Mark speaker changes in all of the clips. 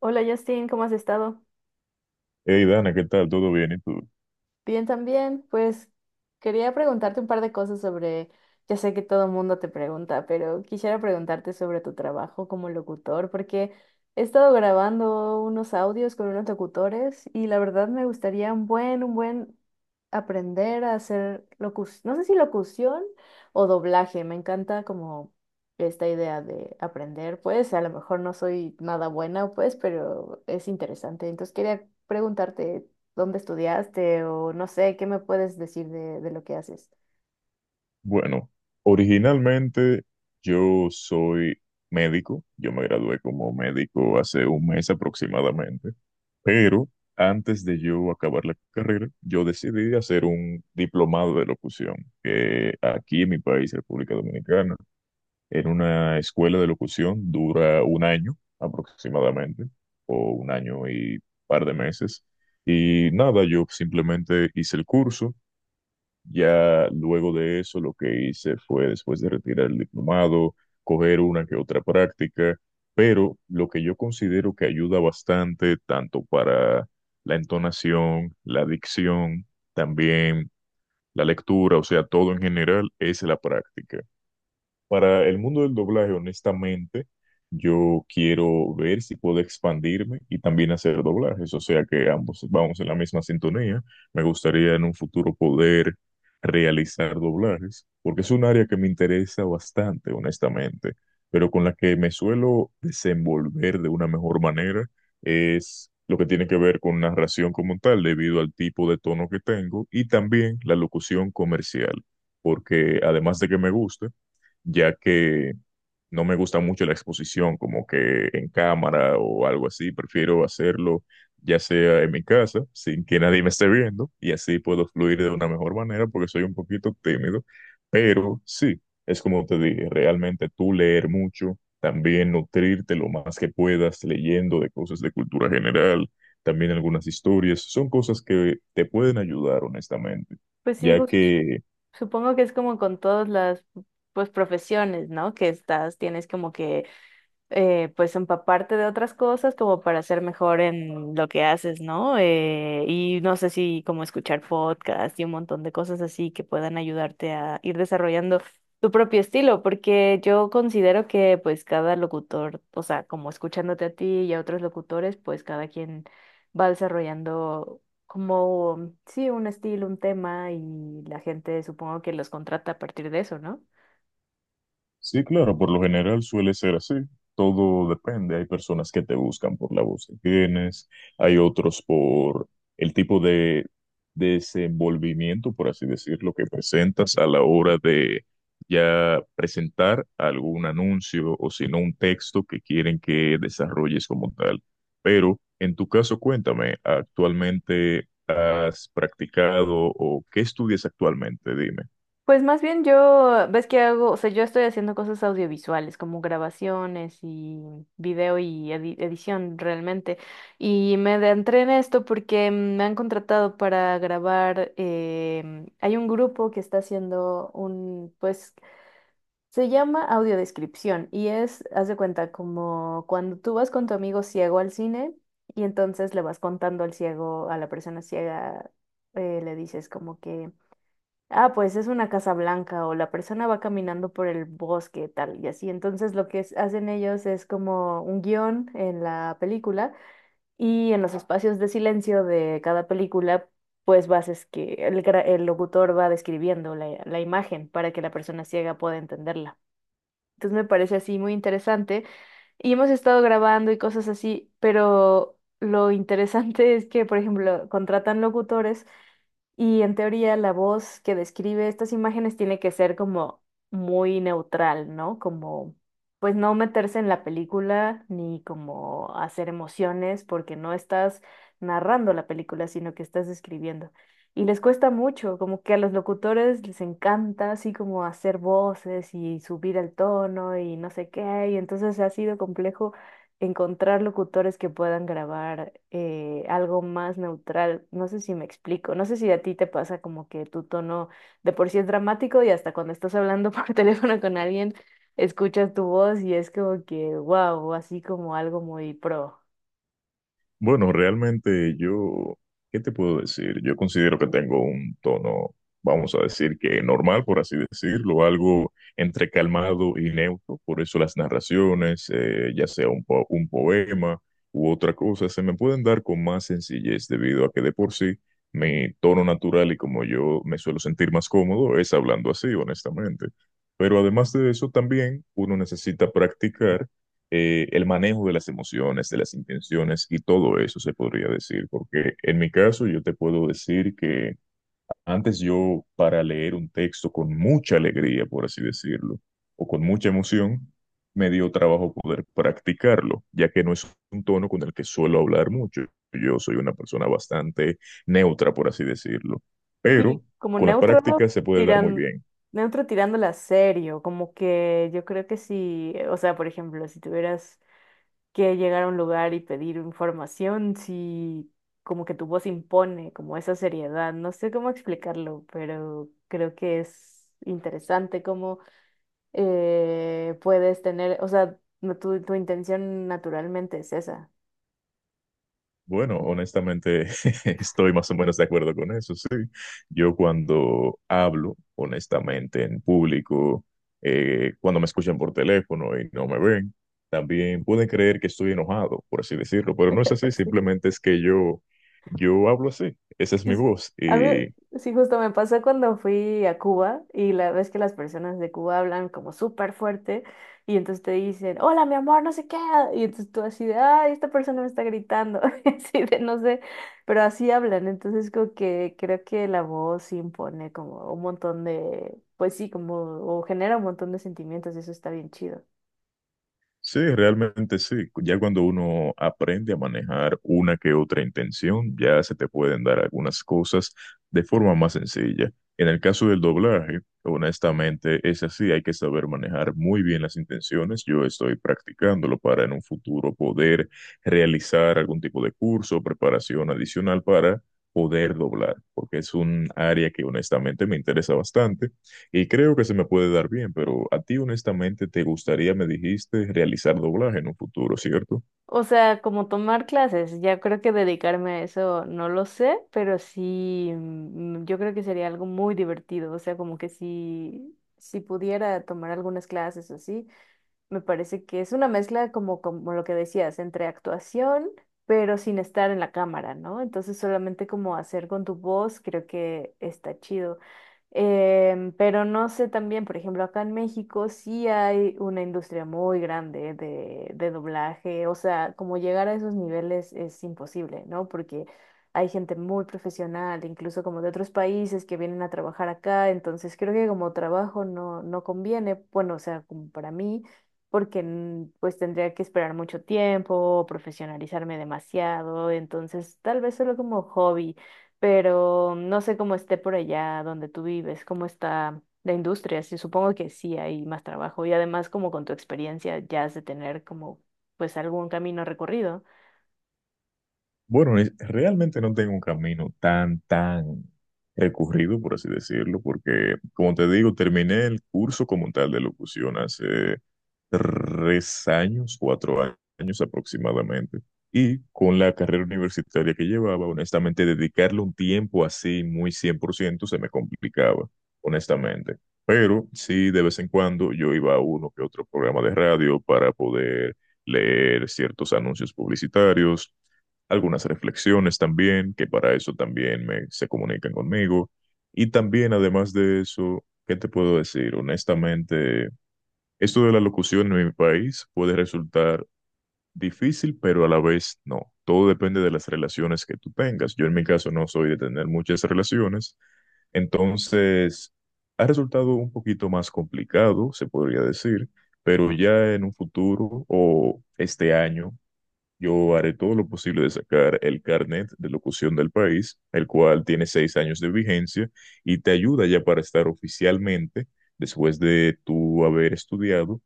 Speaker 1: Hola Justin, ¿cómo has estado?
Speaker 2: Hey Dana, ¿qué tal? ¿Todo bien? ¿Y tú?
Speaker 1: Bien también, pues quería preguntarte un par de cosas sobre, ya sé que todo el mundo te pregunta, pero quisiera preguntarte sobre tu trabajo como locutor, porque he estado grabando unos audios con unos locutores y la verdad me gustaría un buen aprender a hacer locución, no sé si locución o doblaje, me encanta como esta idea de aprender, pues a lo mejor no soy nada buena, pues, pero es interesante. Entonces quería preguntarte, dónde estudiaste o no sé, ¿qué me puedes decir de lo que haces?
Speaker 2: Bueno, originalmente yo soy médico, yo me gradué como médico hace 1 mes aproximadamente, pero antes de yo acabar la carrera, yo decidí hacer un diplomado de locución, que aquí en mi país, República Dominicana, en una escuela de locución dura 1 año aproximadamente, o 1 año y par de meses. Y nada, yo simplemente hice el curso. Ya luego de eso, lo que hice fue, después de retirar el diplomado, coger una que otra práctica, pero lo que yo considero que ayuda bastante, tanto para la entonación, la dicción, también la lectura, o sea, todo en general, es la práctica. Para el mundo del doblaje, honestamente, yo quiero ver si puedo expandirme y también hacer doblajes, o sea que ambos vamos en la misma sintonía. Me gustaría en un futuro poder realizar doblajes, porque es un área que me interesa bastante, honestamente, pero con la que me suelo desenvolver de una mejor manera es lo que tiene que ver con narración como tal, debido al tipo de tono que tengo y también la locución comercial, porque además de que me gusta, ya que no me gusta mucho la exposición como que en cámara o algo así, prefiero hacerlo ya sea en mi casa, sin que nadie me esté viendo, y así puedo fluir de una mejor manera porque soy un poquito tímido, pero sí, es como te dije, realmente tú leer mucho, también nutrirte lo más que puedas leyendo de cosas de cultura general, también algunas historias, son cosas que te pueden ayudar honestamente,
Speaker 1: Pues sí,
Speaker 2: ya que.
Speaker 1: supongo que es como con todas las pues profesiones, ¿no? Que estás, tienes como que pues empaparte de otras cosas como para ser mejor en lo que haces, ¿no? Y no sé si como escuchar podcasts y un montón de cosas así que puedan ayudarte a ir desarrollando tu propio estilo, porque yo considero que pues cada locutor, o sea, como escuchándote a ti y a otros locutores, pues cada quien va desarrollando como, sí, un estilo, un tema y la gente supongo que los contrata a partir de eso, ¿no?
Speaker 2: Sí, claro, por lo general suele ser así. Todo depende. Hay personas que te buscan por la voz que tienes, hay otros por el tipo de desenvolvimiento, por así decirlo, que presentas a la hora de ya presentar algún anuncio o si no un texto que quieren que desarrolles como tal. Pero en tu caso, cuéntame, ¿actualmente has practicado o qué estudias actualmente? Dime.
Speaker 1: Pues más bien yo, ves que hago, o sea, yo estoy haciendo cosas audiovisuales, como grabaciones y video y edición realmente. Y me adentré en esto porque me han contratado para grabar, hay un grupo que está haciendo un, pues, se llama audiodescripción y es, haz de cuenta, como cuando tú vas con tu amigo ciego al cine y entonces le vas contando al ciego, a la persona ciega, le dices como que... Ah, pues es una casa blanca o la persona va caminando por el bosque, tal y así. Entonces lo que hacen ellos es como un guión en la película y en los espacios de silencio de cada película, pues vas es que el, el locutor va describiendo la imagen para que la persona ciega pueda entenderla. Entonces me parece así muy interesante y hemos estado grabando y cosas así, pero lo interesante es que, por ejemplo, contratan locutores y en teoría la voz que describe estas imágenes tiene que ser como muy neutral, ¿no? Como pues no meterse en la película ni como hacer emociones porque no estás narrando la película, sino que estás describiendo. Y les cuesta mucho, como que a los locutores les encanta así como hacer voces y subir el tono y no sé qué, y entonces ha sido complejo encontrar locutores que puedan grabar algo más neutral. No sé si me explico, no sé si a ti te pasa como que tu tono de por sí es dramático y hasta cuando estás hablando por teléfono con alguien, escuchas tu voz y es como que, wow, así como algo muy pro.
Speaker 2: Bueno, realmente yo, ¿qué te puedo decir? Yo considero que tengo un tono, vamos a decir que normal, por así decirlo, algo entre calmado y neutro. Por eso las narraciones, ya sea un poema u otra cosa, se me pueden dar con más sencillez debido a que de por sí mi tono natural y como yo me suelo sentir más cómodo es hablando así, honestamente. Pero además de eso, también uno necesita practicar el manejo de las emociones, de las intenciones y todo eso se podría decir, porque en mi caso yo te puedo decir que antes yo para leer un texto con mucha alegría, por así decirlo, o con mucha emoción, me dio trabajo poder practicarlo, ya que no es un tono con el que suelo hablar mucho. Yo soy una persona bastante neutra, por así decirlo, pero
Speaker 1: Sí, como
Speaker 2: con la
Speaker 1: neutro
Speaker 2: práctica se puede dar muy
Speaker 1: tiran,
Speaker 2: bien.
Speaker 1: neutro tirándola serio, como que yo creo que si, o sea, por ejemplo, si tuvieras que llegar a un lugar y pedir información si como que tu voz impone como esa seriedad. No sé cómo explicarlo, pero creo que es interesante cómo puedes tener, o sea, tu, tu intención naturalmente es esa.
Speaker 2: Bueno, honestamente, estoy más o menos de acuerdo con eso, sí. Yo cuando hablo, honestamente, en público, cuando me escuchan por teléfono y no me ven, también pueden creer que estoy enojado, por así decirlo, pero no es así, simplemente es que yo hablo así, esa es
Speaker 1: Sí,
Speaker 2: mi
Speaker 1: sí.
Speaker 2: voz.
Speaker 1: A mí, sí, justo me pasó cuando fui a Cuba y la vez que las personas de Cuba hablan como súper fuerte y entonces te dicen, hola, mi amor, no sé qué. Y entonces tú así de, ay, esta persona me está gritando, así de, no sé, pero así hablan. Entonces como que creo que la voz sí impone como un montón de, pues sí, como, o genera un montón de sentimientos y eso está bien chido.
Speaker 2: Sí, realmente sí. Ya cuando uno aprende a manejar una que otra intención, ya se te pueden dar algunas cosas de forma más sencilla. En el caso del doblaje, honestamente es así, hay que saber manejar muy bien las intenciones. Yo estoy practicándolo para en un futuro poder realizar algún tipo de curso o preparación adicional para poder doblar, porque es un área que honestamente me interesa bastante y creo que se me puede dar bien, pero a ti honestamente te gustaría, me dijiste, realizar doblaje en un futuro, ¿cierto?
Speaker 1: O sea, como tomar clases, ya creo que dedicarme a eso no lo sé, pero sí, yo creo que sería algo muy divertido, o sea, como que si, si pudiera tomar algunas clases o así, me parece que es una mezcla como, como lo que decías, entre actuación, pero sin estar en la cámara, ¿no? Entonces solamente como hacer con tu voz, creo que está chido. Pero no sé también, por ejemplo, acá en México sí hay una industria muy grande de doblaje, o sea, como llegar a esos niveles es imposible, ¿no? Porque hay gente muy profesional, incluso como de otros países que vienen a trabajar acá, entonces creo que como trabajo no, no conviene, bueno, o sea, como para mí porque pues tendría que esperar mucho tiempo, profesionalizarme demasiado, entonces tal vez solo como hobby, pero no sé cómo esté por allá donde tú vives, cómo está la industria, sí, supongo que sí hay más trabajo y además como con tu experiencia ya has de tener como pues algún camino recorrido.
Speaker 2: Bueno, realmente no tengo un camino tan recurrido, por así decirlo, porque, como te digo, terminé el curso como tal de locución hace 3 años, 4 años aproximadamente. Y con la carrera universitaria que llevaba, honestamente, dedicarle un tiempo así muy 100% se me complicaba, honestamente. Pero sí, de vez en cuando yo iba a uno que otro programa de radio para poder leer ciertos anuncios publicitarios, algunas reflexiones también, que para eso también se comunican conmigo. Y también, además de eso, ¿qué te puedo decir? Honestamente… Esto de la locución en mi país puede resultar difícil, pero a la vez no. Todo depende de las relaciones que tú tengas. Yo en mi caso no soy de tener muchas relaciones, entonces ha resultado un poquito más complicado, se podría decir, pero ya en un futuro o este año yo haré todo lo posible de sacar el carnet de locución del país, el cual tiene 6 años de vigencia y te ayuda ya para estar oficialmente después de tú haber estudiado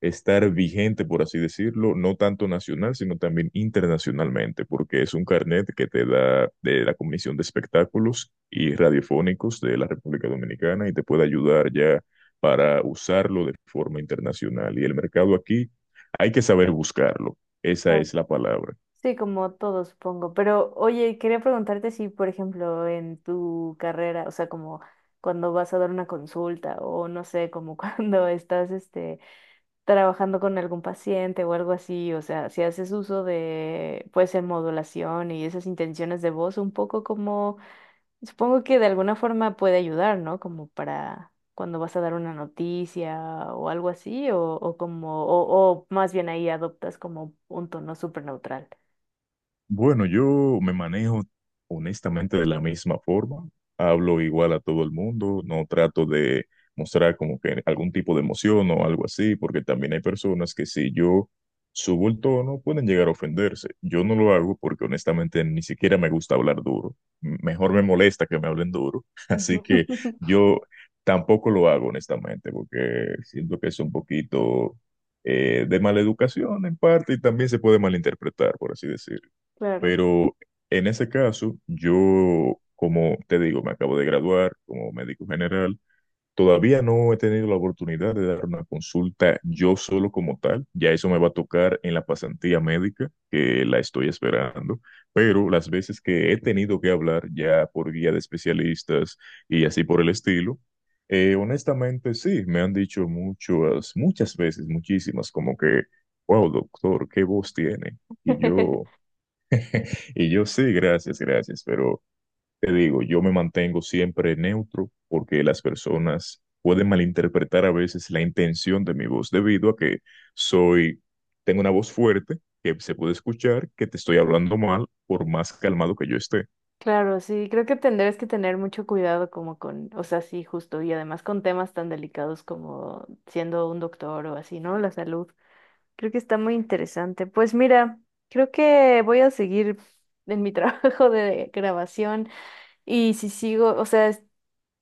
Speaker 2: estar vigente, por así decirlo, no tanto nacional, sino también internacionalmente, porque es un carnet que te da de la Comisión de Espectáculos y Radiofónicos de la República Dominicana y te puede ayudar ya para usarlo de forma internacional. Y el mercado aquí hay que saber buscarlo. Esa
Speaker 1: Claro.
Speaker 2: es la palabra.
Speaker 1: Sí, como todos supongo, pero oye, quería preguntarte si, por ejemplo, en tu carrera, o sea, como cuando vas a dar una consulta o no sé, como cuando estás, este, trabajando con algún paciente o algo así, o sea, si haces uso de, puede ser modulación y esas intenciones de voz, un poco como, supongo que de alguna forma puede ayudar, ¿no? Como para cuando vas a dar una noticia o algo así, o como, o más bien ahí adoptas como un tono súper neutral.
Speaker 2: Bueno, yo me manejo honestamente de la misma forma. Hablo igual a todo el mundo, no trato de mostrar como que algún tipo de emoción o algo así, porque también hay personas que si yo subo el tono pueden llegar a ofenderse. Yo no lo hago porque honestamente ni siquiera me gusta hablar duro. Mejor me molesta que me hablen duro, así
Speaker 1: Ujú.
Speaker 2: que yo tampoco lo hago honestamente, porque siento que es un poquito de mala educación en parte y también se puede malinterpretar, por así decirlo.
Speaker 1: Claro.
Speaker 2: Pero en ese caso, yo, como te digo, me acabo de graduar como médico general. Todavía no he tenido la oportunidad de dar una consulta yo solo como tal. Ya eso me va a tocar en la pasantía médica, que la estoy esperando. Pero las veces que he tenido que hablar ya por guía de especialistas y así por el estilo, honestamente sí, me han dicho muchas, muchas veces, muchísimas, como que, wow, doctor, qué voz tiene. Y yo… Y yo sí, gracias, gracias, pero te digo, yo me mantengo siempre neutro porque las personas pueden malinterpretar a veces la intención de mi voz debido a que soy, tengo una voz fuerte que se puede escuchar que te estoy hablando mal por más calmado que yo esté.
Speaker 1: Claro, sí, creo que tendrás que tener mucho cuidado como con, o sea, sí, justo, y además con temas tan delicados como siendo un doctor o así, ¿no? La salud. Creo que está muy interesante. Pues mira, creo que voy a seguir en mi trabajo de grabación y si sigo, o sea,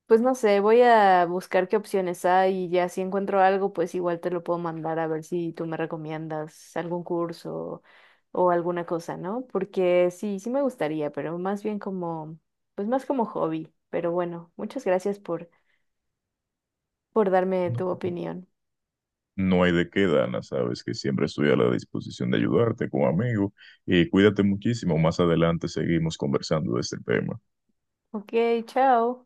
Speaker 1: pues no sé, voy a buscar qué opciones hay y ya si encuentro algo, pues igual te lo puedo mandar a ver si tú me recomiendas algún curso o alguna cosa, ¿no? Porque sí, sí me gustaría, pero más bien como, pues más como hobby. Pero bueno, muchas gracias por darme
Speaker 2: No,
Speaker 1: tu opinión.
Speaker 2: no hay de qué, Dana, sabes que siempre estoy a la disposición de ayudarte como amigo y cuídate muchísimo. Más adelante seguimos conversando de este tema.
Speaker 1: Ok, chao.